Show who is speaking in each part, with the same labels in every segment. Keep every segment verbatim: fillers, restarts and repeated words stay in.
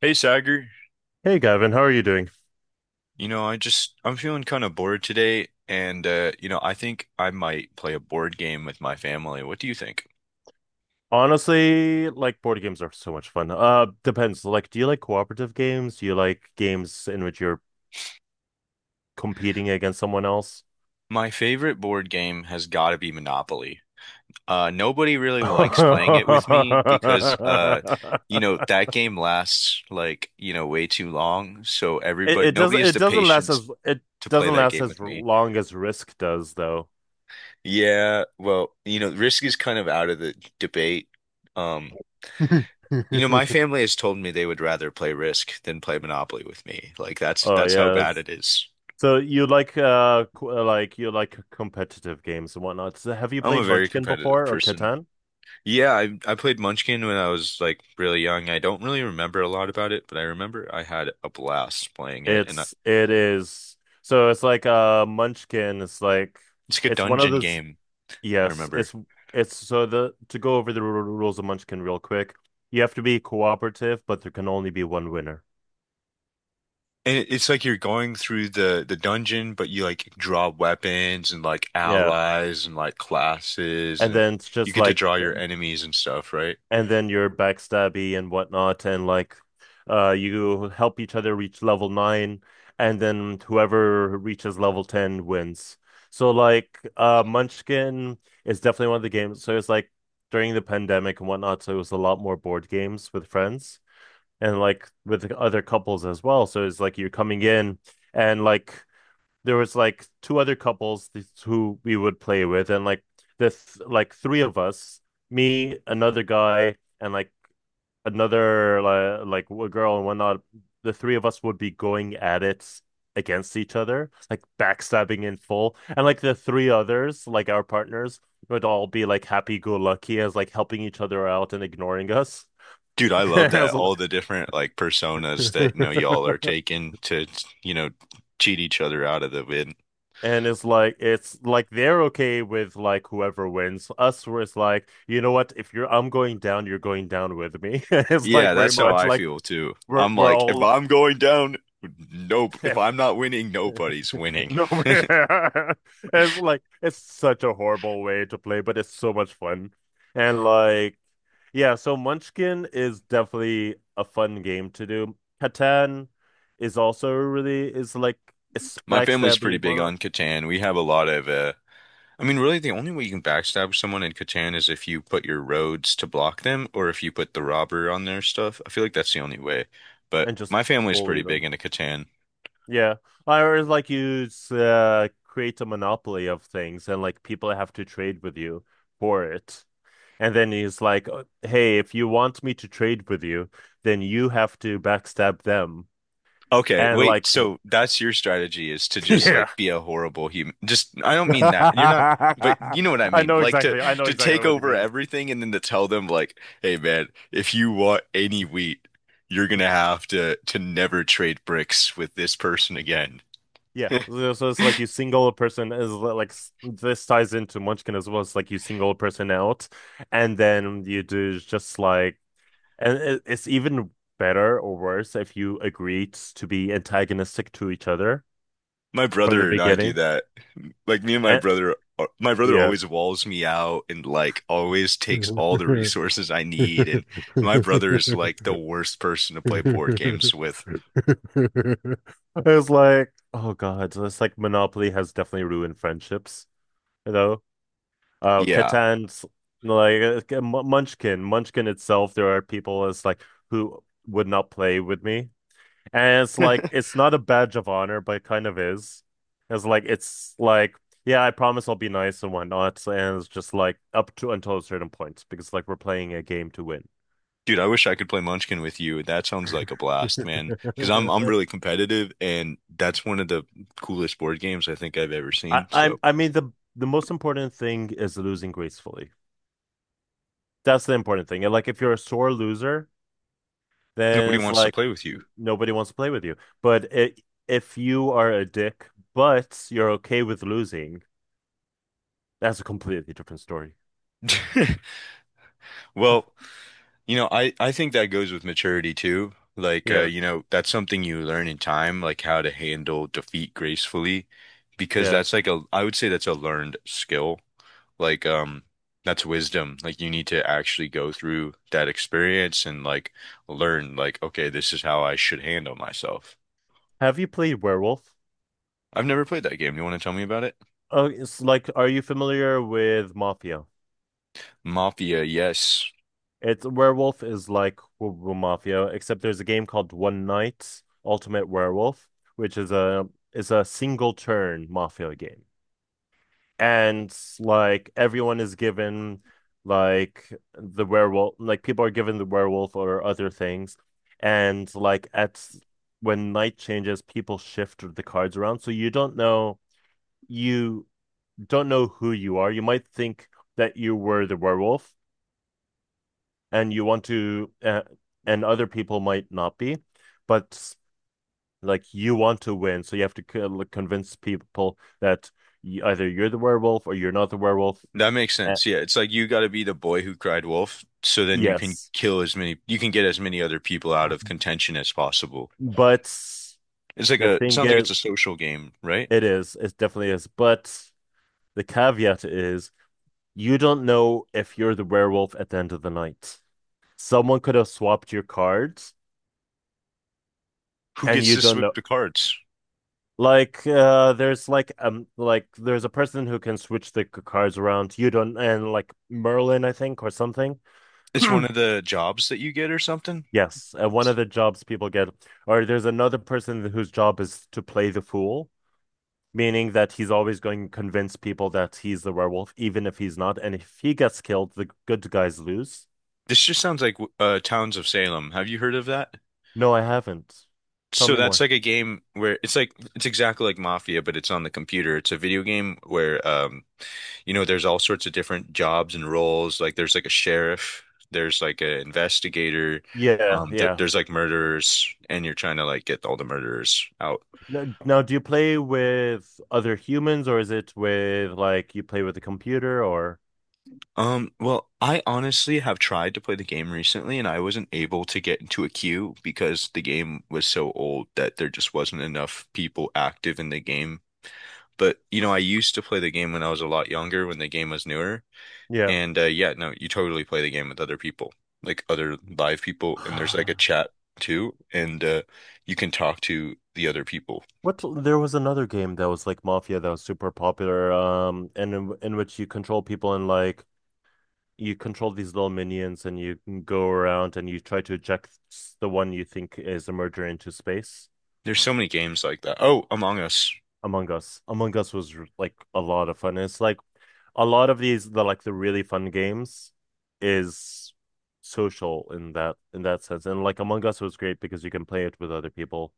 Speaker 1: Hey Sagar,
Speaker 2: Hey Gavin, how are you doing?
Speaker 1: you know, I just I'm feeling kind of bored today and uh you know, I think I might play a board game with my family. What do you think?
Speaker 2: Honestly, like board games are so much fun. Uh, depends. Like, do you like cooperative games? Do you like games in which you're competing against someone else?
Speaker 1: My favorite board game has got to be Monopoly. Uh nobody really likes playing it with me because uh you know, that game lasts like, you know, way too long, so
Speaker 2: It,
Speaker 1: everybody
Speaker 2: it
Speaker 1: nobody
Speaker 2: doesn't
Speaker 1: has
Speaker 2: it
Speaker 1: the
Speaker 2: doesn't last
Speaker 1: patience
Speaker 2: as it
Speaker 1: to play
Speaker 2: doesn't
Speaker 1: that
Speaker 2: last
Speaker 1: game
Speaker 2: as
Speaker 1: with me.
Speaker 2: long as Risk does though.
Speaker 1: Yeah, well, you know, Risk is kind of out of the debate. Um You know, my family has told me they would rather play Risk than play Monopoly with me. Like that's
Speaker 2: Oh
Speaker 1: that's how bad
Speaker 2: yes.
Speaker 1: it is.
Speaker 2: So you like uh qu- like you like competitive games and whatnot. So have you
Speaker 1: I'm a
Speaker 2: played
Speaker 1: very
Speaker 2: Munchkin
Speaker 1: competitive
Speaker 2: before or
Speaker 1: person.
Speaker 2: Catan?
Speaker 1: Yeah, I I played Munchkin when I was like really young. I don't really remember a lot about it, but I remember I had a blast playing it and I,
Speaker 2: It's it is so it's like a Munchkin. It's like
Speaker 1: it's like a
Speaker 2: it's one of
Speaker 1: dungeon
Speaker 2: those.
Speaker 1: game, I
Speaker 2: Yes,
Speaker 1: remember.
Speaker 2: it's it's so the to go over the ru- rules of Munchkin real quick. You have to be cooperative, but there can only be one winner.
Speaker 1: And it- it's like you're going through the the dungeon, but you like draw weapons and like
Speaker 2: Yeah,
Speaker 1: allies and like classes
Speaker 2: and
Speaker 1: and
Speaker 2: then it's
Speaker 1: you
Speaker 2: just
Speaker 1: get to
Speaker 2: like
Speaker 1: draw your enemies and stuff, right?
Speaker 2: and then you're backstabby and whatnot, and like uh, you help each other reach level nine, and then whoever reaches level ten wins. So like uh, Munchkin is definitely one of the games. So it's like during the pandemic and whatnot, so it was a lot more board games with friends and like with other couples as well. So it's like you're coming in and like there was like two other couples who we would play with, and like this, like three of us, me, another guy, and like another like like a girl and whatnot. The three of us would be going at it against each other, like backstabbing in full, and like the three others, like our partners, would all be like happy go lucky as like helping each other out and ignoring us.
Speaker 1: Dude, I love
Speaker 2: I
Speaker 1: that.
Speaker 2: was like-
Speaker 1: All the different like personas that, you know, y'all are taking to, you know, cheat each other out of the win.
Speaker 2: And it's like it's like they're okay with like whoever wins. Us where it's like, you know what, if you're I'm going down, you're going down with me. It's like
Speaker 1: Yeah,
Speaker 2: very
Speaker 1: that's how
Speaker 2: much
Speaker 1: I
Speaker 2: like
Speaker 1: feel too.
Speaker 2: we're
Speaker 1: I'm
Speaker 2: we're
Speaker 1: like, if
Speaker 2: all
Speaker 1: I'm going down, nope. If I'm not winning, nobody's winning.
Speaker 2: nowhere. It's like it's such a horrible way to play, but it's so much fun. And like yeah, so Munchkin is definitely a fun game to do. Catan is also really is like it's
Speaker 1: My family's
Speaker 2: backstabby
Speaker 1: pretty
Speaker 2: and
Speaker 1: big
Speaker 2: whatnot,
Speaker 1: on Catan. We have a lot of, uh, I mean, really the only way you can backstab someone in Catan is if you put your roads to block them or if you put the robber on their stuff. I feel like that's the only way. But
Speaker 2: and just
Speaker 1: my family's
Speaker 2: bully
Speaker 1: pretty
Speaker 2: them.
Speaker 1: big into Catan.
Speaker 2: Yeah. Or it's like you s- uh, create a monopoly of things and like people have to trade with you for it. And then he's like, "Uh, hey, if you want me to trade with you, then you have to backstab them."
Speaker 1: Okay,
Speaker 2: And
Speaker 1: wait.
Speaker 2: like,
Speaker 1: So that's your strategy is to just like
Speaker 2: yeah.
Speaker 1: be a horrible human. Just I don't mean that. You're not, but
Speaker 2: I
Speaker 1: you know what I mean.
Speaker 2: know
Speaker 1: Like to
Speaker 2: exactly. I know
Speaker 1: to
Speaker 2: exactly
Speaker 1: take
Speaker 2: what you
Speaker 1: over
Speaker 2: mean.
Speaker 1: everything and then to tell them like, "Hey man, if you want any wheat, you're gonna have to to never trade bricks with this person again."
Speaker 2: Yeah. So so it's like you single a person is li- like s- this ties into Munchkin as well. It's like you single a person out and then you do is just like. And it, it's even better or worse if you agreed to be antagonistic to each other
Speaker 1: My
Speaker 2: from the
Speaker 1: brother and I do
Speaker 2: beginning.
Speaker 1: that. Like me and my
Speaker 2: And,
Speaker 1: brother, uh, my brother
Speaker 2: yeah.
Speaker 1: always walls me out and like always takes all the resources I
Speaker 2: I
Speaker 1: need. And my brother is like the worst person to play board games with.
Speaker 2: was like, oh God, so it's like Monopoly has definitely ruined friendships, you know? Uh,
Speaker 1: Yeah.
Speaker 2: Catan's like uh, Munchkin, Munchkin itself, there are people as like who would not play with me. And it's like it's not a badge of honor, but it kind of is. It's like it's like, yeah, I promise I'll be nice and whatnot. And it's just like up to until a certain point because like we're playing a game to win.
Speaker 1: Dude, I wish I could play Munchkin with you. That sounds like a blast, man. Because I'm I'm really competitive, and that's one of the coolest board games I think I've ever
Speaker 2: I
Speaker 1: seen.
Speaker 2: I
Speaker 1: So
Speaker 2: I mean the the most important thing is losing gracefully. That's the important thing. And like if you're a sore loser, then
Speaker 1: nobody
Speaker 2: it's
Speaker 1: wants to
Speaker 2: like
Speaker 1: play with you.
Speaker 2: nobody wants to play with you. But it, if you are a dick, but you're okay with losing, that's a completely different story.
Speaker 1: Well, you know, I I think that goes with maturity too. Like, uh,
Speaker 2: Yeah,
Speaker 1: you know, that's something you learn in time, like how to handle defeat gracefully, because
Speaker 2: yeah.
Speaker 1: that's like a I would say that's a learned skill. Like, um, that's wisdom. Like, you need to actually go through that experience and like learn, like, okay, this is how I should handle myself.
Speaker 2: Have you played Werewolf?
Speaker 1: I've never played that game. You want to tell me about it?
Speaker 2: Oh, it's like, are you familiar with Mafia?
Speaker 1: Mafia, yes.
Speaker 2: It's Werewolf is like w- w- Mafia, except there's a game called One Night Ultimate Werewolf, which is a is a single turn Mafia game. And like everyone is given like the werewolf, like people are given the werewolf or other things, and like at when night changes, people shift the cards around, so you don't know you don't know who you are. You might think that you were the werewolf, and you want to, uh, and other people might not be, but like you want to win, so you have to convince people that either you're the werewolf or you're not the werewolf.
Speaker 1: That makes
Speaker 2: Uh,
Speaker 1: sense. Yeah, it's like you got to be the boy who cried wolf, so then you can
Speaker 2: yes,
Speaker 1: kill as many, you can get as many other people out of contention as possible.
Speaker 2: but
Speaker 1: It's like
Speaker 2: the
Speaker 1: a, it
Speaker 2: thing
Speaker 1: sounds like it's
Speaker 2: is,
Speaker 1: a social game, right?
Speaker 2: it is, it definitely is. But the caveat is, you don't know if you're the werewolf at the end of the night. Someone could have swapped your cards,
Speaker 1: Who
Speaker 2: and
Speaker 1: gets
Speaker 2: you
Speaker 1: to
Speaker 2: don't
Speaker 1: sweep
Speaker 2: know.
Speaker 1: the cards?
Speaker 2: Like uh there's like um like there's a person who can switch the c- cards around. You don't and like Merlin, I think, or something.
Speaker 1: It's one of the jobs that you get or something.
Speaker 2: Yes, uh, one of the jobs people get, or there's another person whose job is to play the fool, meaning that he's always going to convince people that he's the werewolf, even if he's not. And if he gets killed, the good guys lose.
Speaker 1: This just sounds like uh, Towns of Salem. Have you heard of that?
Speaker 2: No, I haven't. Tell
Speaker 1: So
Speaker 2: me
Speaker 1: that's
Speaker 2: more.
Speaker 1: like a game where it's like it's exactly like Mafia, but it's on the computer. It's a video game where um you know there's all sorts of different jobs and roles. Like there's like a sheriff, there's like an investigator,
Speaker 2: Yeah,
Speaker 1: um th
Speaker 2: yeah.
Speaker 1: there's like murderers, and you're trying to like get all the murderers out.
Speaker 2: Now, now, do you play with other humans, or is it with like you play with a computer, or?
Speaker 1: Um well, I honestly have tried to play the game recently and I wasn't able to get into a queue because the game was so old that there just wasn't enough people active in the game. But you know, I used to play the game when I was a lot younger, when the game was newer.
Speaker 2: Yeah.
Speaker 1: And uh, yeah, no, you totally play the game with other people, like other live people, and there's like a chat too, and uh, you can talk to the other people.
Speaker 2: What there was another game that was like Mafia that was super popular, um, and in, in which you control people and like you control these little minions and you can go around and you try to eject the one you think is a murderer into space.
Speaker 1: There's so many games like that. Oh, Among Us.
Speaker 2: Among Us. Among Us was r- like a lot of fun. It's like a lot of these the like the really fun games is social in that in that sense. And like Among Us was great because you can play it with other people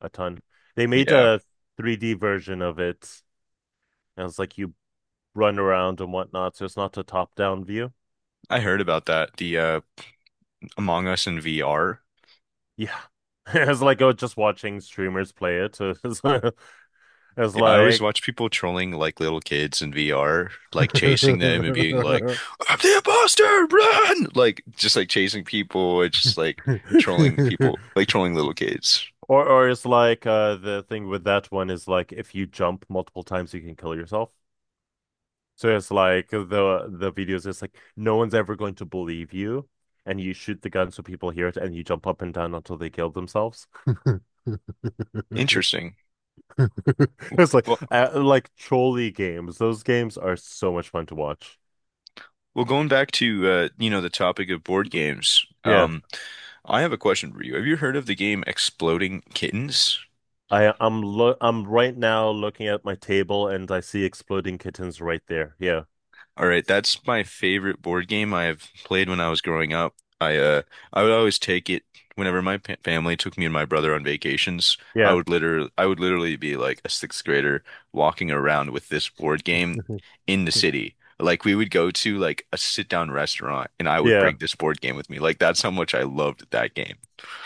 Speaker 2: a ton. They made
Speaker 1: Yeah,
Speaker 2: a three D version of it. And it's like you run around and whatnot, so it's not a top-down view.
Speaker 1: I heard about that. The uh, Among Us in V R.
Speaker 2: Yeah. It's like oh, just watching streamers play it. So It's, it's
Speaker 1: Yeah, I always
Speaker 2: like
Speaker 1: watch people trolling like little kids in V R, like chasing them and being like,
Speaker 2: or
Speaker 1: "I'm the imposter, run!" Like just like chasing people and just like trolling people, like trolling little kids.
Speaker 2: or it's like uh the thing with that one is like if you jump multiple times you can kill yourself. So it's like the the videos is like no one's ever going to believe you, and you shoot the gun so people hear it, and you jump up and down until they kill themselves.
Speaker 1: Interesting.
Speaker 2: It's like
Speaker 1: Well,
Speaker 2: uh, like trolley games. Those games are so much fun to watch.
Speaker 1: well, going back to uh, you know, the topic of board games.
Speaker 2: Yeah,
Speaker 1: Um, I have a question for you. Have you heard of the game Exploding Kittens?
Speaker 2: I I'm lo I'm right now looking at my table and I see exploding kittens right there. Yeah,
Speaker 1: All right, that's my favorite board game I've played when I was growing up. I uh I would always take it whenever my pa family took me and my brother on vacations. I
Speaker 2: yeah,
Speaker 1: would literally I would literally be like a sixth grader walking around with this board game in the city. Like we would go to like a sit down restaurant and I would
Speaker 2: yeah.
Speaker 1: bring this board game with me. Like that's how much I loved that game.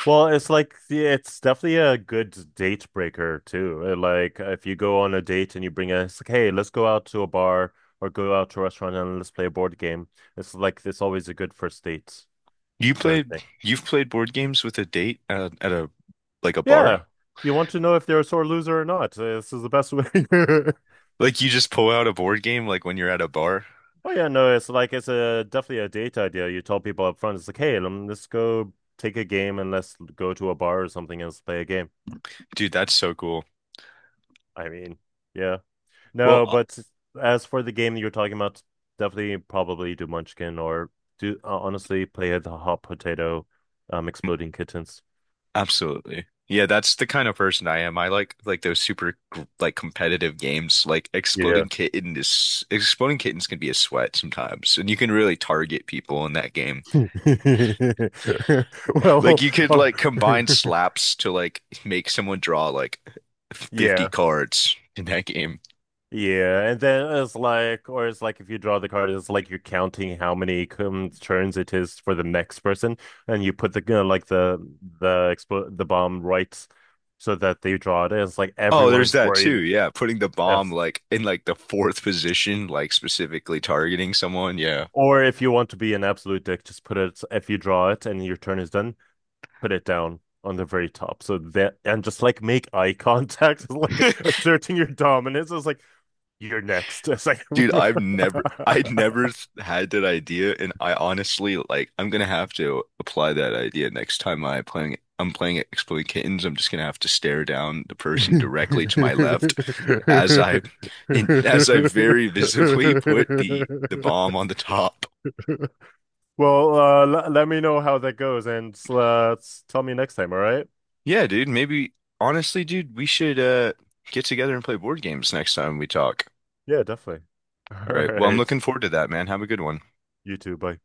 Speaker 2: Well, it's like the- it's definitely a good date breaker too. Uh, Like uh, if you go on a date and you bring a, it's like, hey, let's go out to a bar or go out to a restaurant and let's play a board game. It's like it's always a good first date
Speaker 1: You
Speaker 2: sort of
Speaker 1: played
Speaker 2: thing.
Speaker 1: you've played board games with a date at, at a like a bar?
Speaker 2: Yeah, you want to know if they're a sore loser or not. Uh, This is the best way.
Speaker 1: Like you just pull out a board game like when you're at a bar?
Speaker 2: Oh yeah, no, it's like it's a definitely a date idea. You tell people up front, it's like, hey, um, let's go take a game and let's go to a bar or something and let's play a game.
Speaker 1: Dude, that's so cool.
Speaker 2: I mean, yeah. No,
Speaker 1: Well,
Speaker 2: but as for the game you're talking about, definitely probably do Munchkin or do uh, honestly play the hot potato, um, exploding kittens.
Speaker 1: absolutely. Yeah, that's the kind of person I am. I like like those super gr- like competitive games. Like
Speaker 2: Yeah.
Speaker 1: Exploding Kitten is Exploding Kittens can be a sweat sometimes, and you can really target people in that game. Like
Speaker 2: Well,
Speaker 1: you could
Speaker 2: or-
Speaker 1: like combine slaps to like make someone draw like fifty
Speaker 2: yeah,
Speaker 1: cards in that game.
Speaker 2: yeah, and then it's like, or it's like if you draw the card, it's like you're counting how many um, turns it is for the next person, and you put the you know, like the the expo the bomb right so that they draw it. And it's like
Speaker 1: Oh,
Speaker 2: everyone
Speaker 1: there's
Speaker 2: is
Speaker 1: that too.
Speaker 2: worried.
Speaker 1: Yeah, putting the bomb
Speaker 2: Yes.
Speaker 1: like in like the fourth position, like specifically targeting someone. Yeah.
Speaker 2: Or if you want to be an absolute dick, just put it, if you draw it and your turn is done, put it down on the very top. So that, and just like make eye contact, like asserting your dominance. It's like, you're next. It's like,
Speaker 1: Dude, I've never, I never s- had that idea, and I honestly like. I'm gonna have to apply that idea next time I playing. I'm playing Exploding Kittens. I'm just gonna have to stare down the person directly to my left as I, in, as I very visibly put the the bomb on the top.
Speaker 2: well, uh, l- let me know how that goes and uh, tell me next time. All right.
Speaker 1: Yeah, dude. Maybe honestly, dude, we should uh get together and play board games next time we talk.
Speaker 2: Yeah, definitely.
Speaker 1: All
Speaker 2: All
Speaker 1: right. Well, I'm
Speaker 2: right.
Speaker 1: looking forward to that, man. Have a good one.
Speaker 2: You too. Bye.